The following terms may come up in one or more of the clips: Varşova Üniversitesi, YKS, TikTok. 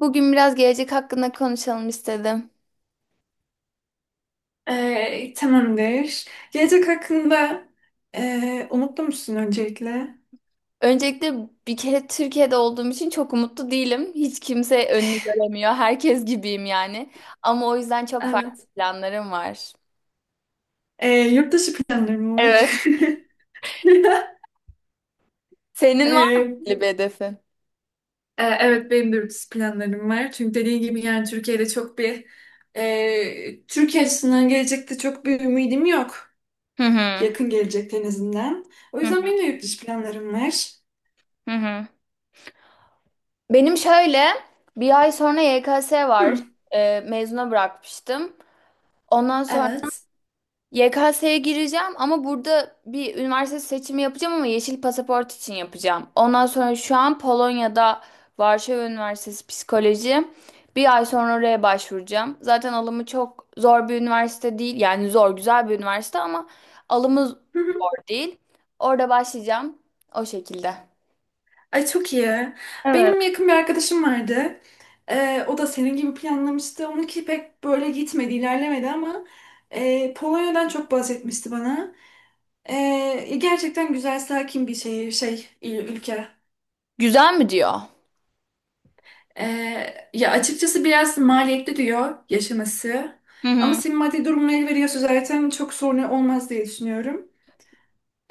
Bugün biraz gelecek hakkında konuşalım istedim. Tamamdır. Gelecek hakkında umutlu musun öncelikle? Öncelikle bir kere Türkiye'de olduğum için çok umutlu değilim. Hiç kimse önünü göremiyor. Herkes gibiyim yani. Ama o yüzden çok farklı Evet. planlarım var. Yurt dışı planlarım var. Evet. Senin var mı Ee, belli bir hedefin? Evet, benim de yurt dışı planlarım var. Çünkü dediğim gibi yani Türkiye'de çok bir Türkiye açısından gelecekte çok bir ümidim yok. Hı hı. Yakın gelecekte en azından. O Hı hı. yüzden benim de yurt dışı planlarım var. Hı hı. Benim şöyle bir ay sonra YKS var. Hı. Mezuna bırakmıştım. Ondan sonra Evet. YKS'ye gireceğim ama burada bir üniversite seçimi yapacağım ama yeşil pasaport için yapacağım. Ondan sonra şu an Polonya'da Varşova Üniversitesi Psikoloji. Bir ay sonra oraya başvuracağım. Zaten alımı çok zor bir üniversite değil. Yani zor, güzel bir üniversite ama alımı zor değil. Orada başlayacağım o şekilde. Ay, çok iyi. Evet. Benim yakın bir arkadaşım vardı. O da senin gibi planlamıştı. Onunki pek böyle gitmedi, ilerlemedi ama Polonya'dan çok bahsetmişti bana. Gerçekten güzel, sakin bir şehir, şey, ülke. Güzel mi diyor? Ya açıkçası biraz maliyetli diyor yaşaması. Hı Ama hı. senin maddi durumun el veriyorsa zaten çok sorun olmaz diye düşünüyorum.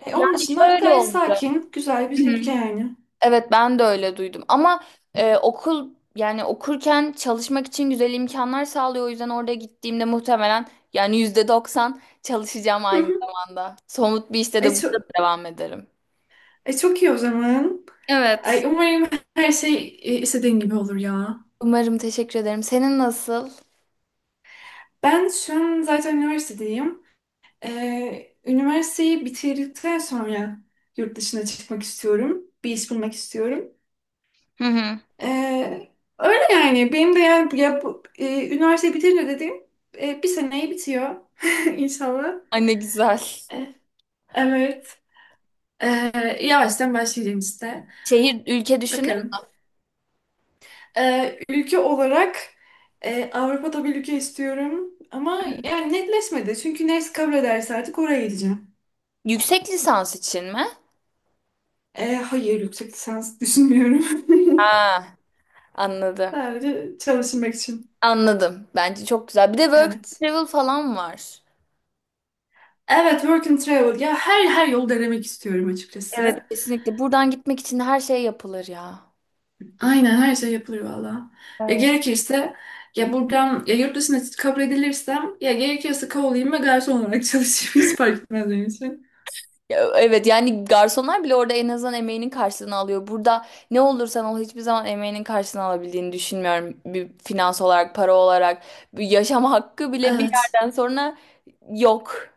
Onun Yani dışında şöyle gayet olacak. sakin, güzel bir ülke yani. Evet ben de öyle duydum ama okul yani okurken çalışmak için güzel imkanlar sağlıyor. O yüzden orada gittiğimde muhtemelen yani %90 çalışacağım aynı zamanda. Somut bir işte de Ay, burada çok- devam ederim. E, çok iyi o zaman. Evet. Ay, umarım her şey istediğin gibi olur ya. Umarım, teşekkür ederim. Senin nasıl? Ben şu an zaten üniversitedeyim. Üniversiteyi bitirdikten sonra yurt dışına çıkmak istiyorum. Bir iş bulmak istiyorum. Hı hı. E, Öyle yani. Benim de yani ya, bu, üniversiteyi bitirince dediğim bir seneyi bitiyor. İnşallah. Ay ne güzel. E, evet. E, Yavaştan başlayacağım işte. Şehir, ülke düşündün mü? Bakalım. Ülke olarak Avrupa'da bir ülke istiyorum ama yani netleşmedi. Çünkü neresi kabul ederse artık oraya gideceğim. Yüksek lisans için mi? Hayır, yüksek lisans düşünmüyorum. Ha, anladım. Sadece çalışmak için. Anladım. Bence çok güzel. Bir de work and Evet. travel falan var. Evet, work and travel. Ya her yol denemek istiyorum Evet. açıkçası. Kesinlikle. Buradan gitmek için de her şey yapılır ya. Aynen, her şey yapılır valla. Ya gerekirse ya buradan ya yurt dışına kabul edilirsem ya gerekirse kovalayayım ve garson olarak çalışayım. Hiç fark etmez benim için. Ya, evet yani garsonlar bile orada en azından emeğinin karşılığını alıyor. Burada ne olursan ol hiçbir zaman emeğinin karşılığını alabildiğini düşünmüyorum. Bir finans olarak, para olarak, bir yaşam hakkı bile bir Evet. yerden sonra yok.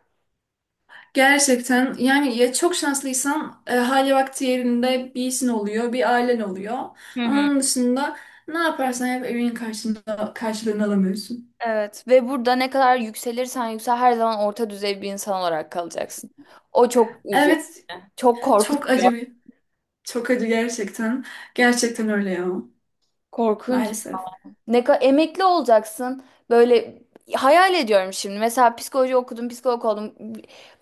Gerçekten yani ya çok şanslıysan hali vakti yerinde bir işin oluyor, bir ailen oluyor. Hı Ama hı. onun dışında ne yaparsan yap evinin karşında, karşılığını alamıyorsun. Evet ve burada ne kadar yükselirsen yüksel her zaman orta düzey bir insan olarak kalacaksın. O çok üzüyor. Evet, Çok çok acı bir, çok acı gerçekten. Gerçekten öyle ya, korkunç. maalesef. Ne kadar emekli olacaksın. Böyle hayal ediyorum şimdi. Mesela psikoloji okudum, psikolog oldum.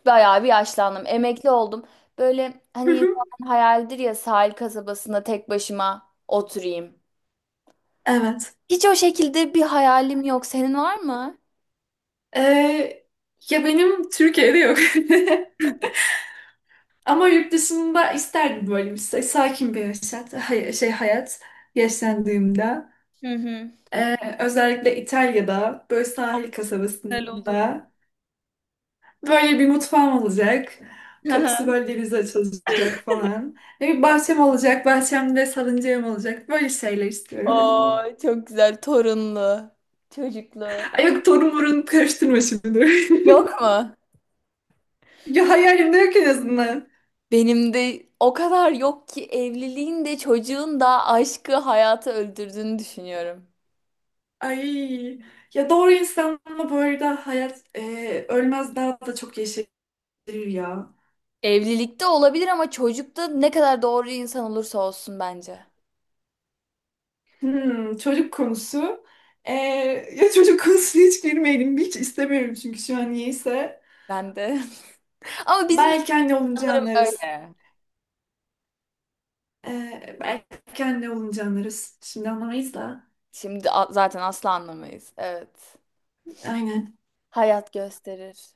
Bayağı bir yaşlandım. Emekli oldum. Böyle Hı hani hı. insanın hayaldir ya, sahil kasabasında tek başıma oturayım. Evet. Hiç o şekilde bir hayalim yok. Senin var mı? Ee, Ya benim Türkiye'de yok. Ama yurt dışında isterdim böyle bir sakin bir yaşat, hayat yaşlandığımda. Hı hı. Özellikle İtalya'da böyle sahil Güzel olur. kasabasında böyle bir mutfağım olacak. Kapısı böyle denize açılacak falan. Ve bir bahçem olacak. Bahçemde salıncağım olacak. Böyle şeyler istiyorum. Oo, çok güzel. Torunlu, çocuklu. Ay yok, torun burun karıştırma şimdi. Yok mu? Ya hayalimde yok en azından. Benim de o kadar yok ki, evliliğin de çocuğun da aşkı, hayatı öldürdüğünü düşünüyorum. Ay, ya doğru insanla bu arada hayat ölmez, daha da çok yeşerir ya. Evlilikte olabilir ama çocukta ne kadar doğru insan olursa olsun bence. Hmm, çocuk konusu. Ee, Ya çocuk konusuna hiç girmeyelim. Hiç istemiyorum çünkü şu an niyeyse. Ben de. Ama bizim Belki anne olunca sanırım anlarız. öyle. Belki anne olunca anlarız. Şimdi anlamayız da. Şimdi zaten asla anlamayız. Evet. Aynen. Hayat gösterir.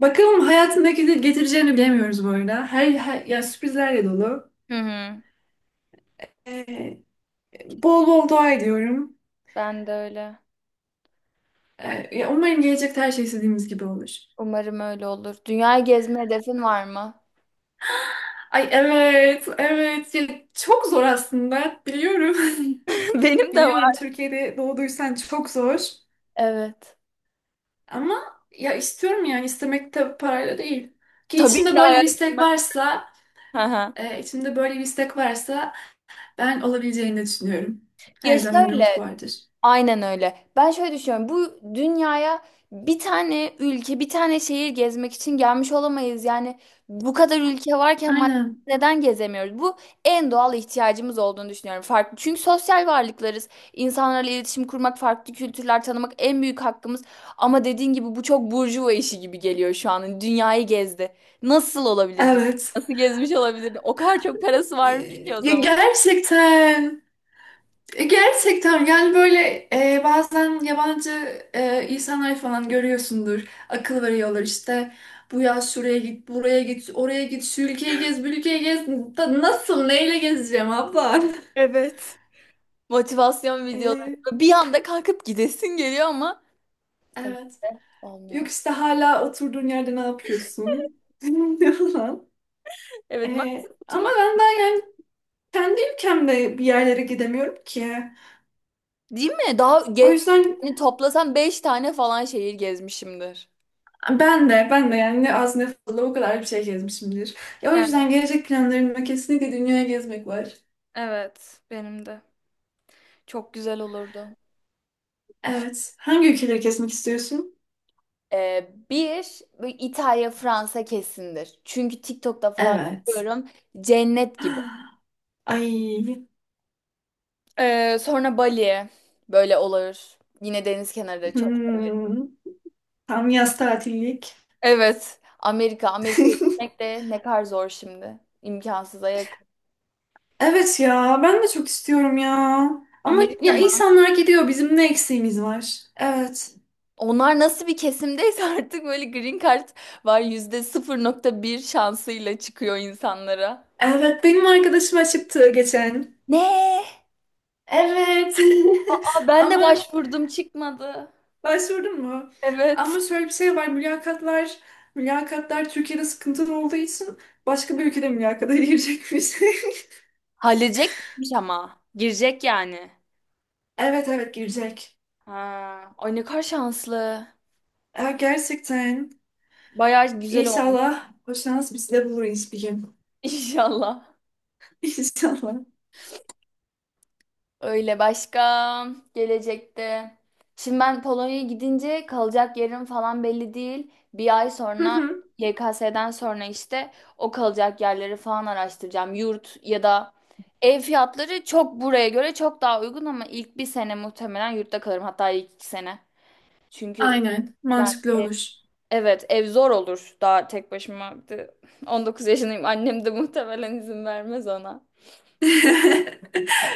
Bakalım hayatındaki de getireceğini bilemiyoruz bu arada. Her ya, sürprizlerle dolu. Hı hı. Ee, Bol bol dua ediyorum. Ben de öyle. Ya umarım gelecekte her şey istediğimiz gibi olur. Umarım öyle olur. Dünyayı gezme hedefin var mı? Ay evet, evet. Ya çok zor aslında. Biliyorum. Benim de Biliyorum, var. Türkiye'de doğduysan çok zor. Evet. Ama ya istiyorum yani, istemek tabii parayla değil. Ki Tabii ki içinde de, böyle bir hayal istek kırmak. varsa, Hı hı. İçimde böyle bir istek varsa ben olabileceğini düşünüyorum. Her Ya zaman bir şöyle. umut vardır. Aynen öyle. Ben şöyle düşünüyorum. Bu dünyaya bir tane ülke, bir tane şehir gezmek için gelmiş olamayız. Yani bu kadar ülke varken madde Aynen. neden gezemiyoruz? Bu en doğal ihtiyacımız olduğunu düşünüyorum. Farklı. Çünkü sosyal varlıklarız. İnsanlarla iletişim kurmak, farklı kültürler tanımak en büyük hakkımız. Ama dediğin gibi bu çok burjuva işi gibi geliyor şu an. Dünyayı gezdi. Nasıl olabilir? Evet. Nasıl gezmiş olabilir? O kadar çok parası E, varmış ki o Ya zaman. gerçekten. Gerçekten yani böyle bazen yabancı insanlar falan görüyorsundur. Akıl veriyorlar işte. Bu yaz şuraya git, buraya git, oraya git, şu ülkeyi gez, bu ülkeyi gez. Nasıl, neyle gezeceğim abla? Evet. Motivasyon E, videoları. Bir anda kalkıp gidesin geliyor ama tabii Evet. olmuyor. Yok işte, hala oturduğun yerde ne yapıyorsun? falan. Evet, maalesef Ama oturmak. ben daha yani kendi ülkemde bir yerlere gidemiyorum ki. Değil mi? Daha O ge yüzden hani toplasam 5 tane falan şehir gezmişimdir. ben de yani ne az ne fazla o kadar bir şey gezmişimdir. Ya o Evet, yüzden gelecek planlarımda kesinlikle dünyaya gezmek var. evet, benim de. Çok güzel olurdu. Evet. Hangi ülkeleri gezmek istiyorsun? Bir, bu İtalya, Fransa kesindir. Çünkü TikTok'ta falan Evet. görüyorum, cennet gibi. Ay. Sonra Bali böyle olur. Yine deniz kenarı da çok. Hmm, tam yaz tatillik. Evet. Amerika. Amerika'ya gitmek de ne kadar zor şimdi. İmkansıza yakın. Evet ya, ben de çok istiyorum ya. Ama Amerika ya mı? insanlar gidiyor, bizim ne eksiğimiz var? Evet. Onlar nasıl bir kesimdeyse artık, böyle green card var, yüzde 0.1 şansıyla çıkıyor insanlara. Evet, benim arkadaşım aşıktı geçen. Ne? Evet. Aa, ben de Ama başvurdum, çıkmadı. başvurdun mu? Evet. Ama şöyle bir şey var, mülakatlar Türkiye'de sıkıntılı olduğu için başka bir ülkede mülakata girecekmiş. Halledecekmiş ama. Girecek yani. Evet, evet girecek. Ha, ay ne kadar şanslı. Ya gerçekten, Bayağı güzel olmuş. inşallah o şans bizi de bulur bir gün. İnşallah. İnşallah. Öyle, başka, gelecekte. Şimdi ben Polonya'ya gidince kalacak yerim falan belli değil. Bir ay Hı sonra, hı. YKS'den sonra, işte o kalacak yerleri falan araştıracağım. Yurt ya da ev fiyatları çok, buraya göre çok daha uygun ama ilk bir sene muhtemelen yurtta kalırım. Hatta ilk 2 sene. Çünkü Aynen, yani mantıklı olur. evet, ev zor olur daha, tek başıma. 19 yaşındayım. Annem de muhtemelen izin vermez ona.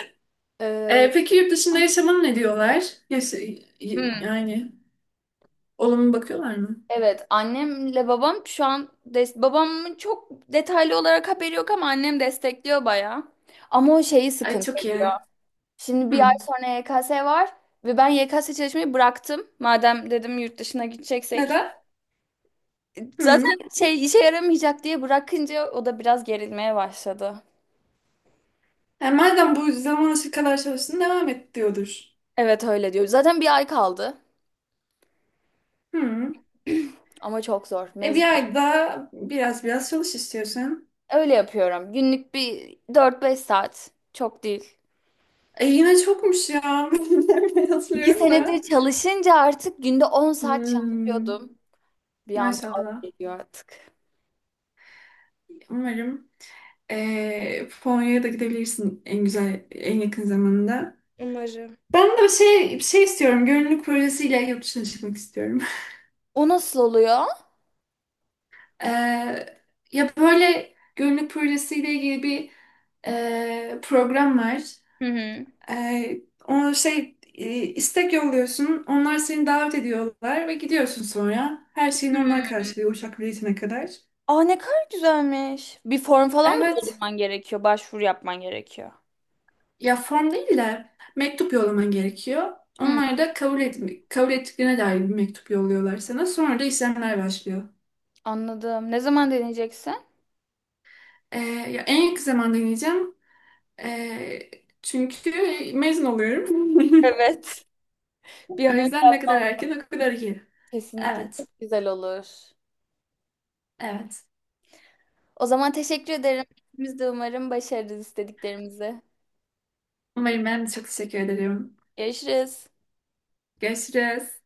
Ee, Peki yurt dışında yaşamana ne diyorlar? Yani olumlu bakıyorlar mı? Evet, annemle babam şu an babamın çok detaylı olarak haberi yok ama annem destekliyor bayağı. Ama o şeyi Ay sıkıntı çok iyi. ediyor. Ha. Şimdi bir ay Hı. sonra YKS var ve ben YKS çalışmayı bıraktım. Madem dedim yurt dışına gideceksek. Neden? Hı. Zaten şey, işe yaramayacak diye bırakınca o da biraz gerilmeye başladı. Yani madem bu zamana kadar çalıştın devam et diyordur. Evet, öyle diyor. Zaten bir ay kaldı Hı. ama çok zor. E, bir ay daha biraz çalış istiyorsan. Öyle yapıyorum. Günlük bir dört beş saat. Çok değil. E, yine çokmuş ya. İki Yazıyorum senedir da. çalışınca artık günde 10 saat Hmm, çalışıyordum. Bir anda az maşallah. geliyor artık. Umarım Polonya'ya da gidebilirsin en güzel, en yakın zamanda. Umarım. Ben de şey, bir şey istiyorum. Gönüllülük projesiyle yurt dışına çıkmak istiyorum. O nasıl oluyor? Ee, Ya böyle gönüllülük projesiyle ilgili bir program var. Hı hı. Ee, istek yolluyorsun. Onlar seni davet ediyorlar ve gidiyorsun sonra. Her şeyini onlar Hmm. karşılıyor, uçak biletine kadar. Aa ne kadar güzelmiş. Bir form falan mı Evet. doldurman gerekiyor? Başvuru yapman gerekiyor. Ya form değil de mektup yollaman gerekiyor. Hmm, Onlar da kabul ettiklerine dair bir mektup yolluyorlar sana. Sonra da işlemler başlıyor. anladım. Ne zaman deneyeceksin? Ya en yakın zamanda deneyeceğim. Ee, Çünkü mezun oluyorum. Evet. Bir O an önce yüzden ne kadar yapmam erken o kadar iyi. kesinlikle Evet, çok güzel olur. evet. O zaman teşekkür ederim. Biz de umarım başarırız istediklerimizi. Umarım, ben de çok teşekkür ederim. Görüşürüz. Görüşürüz.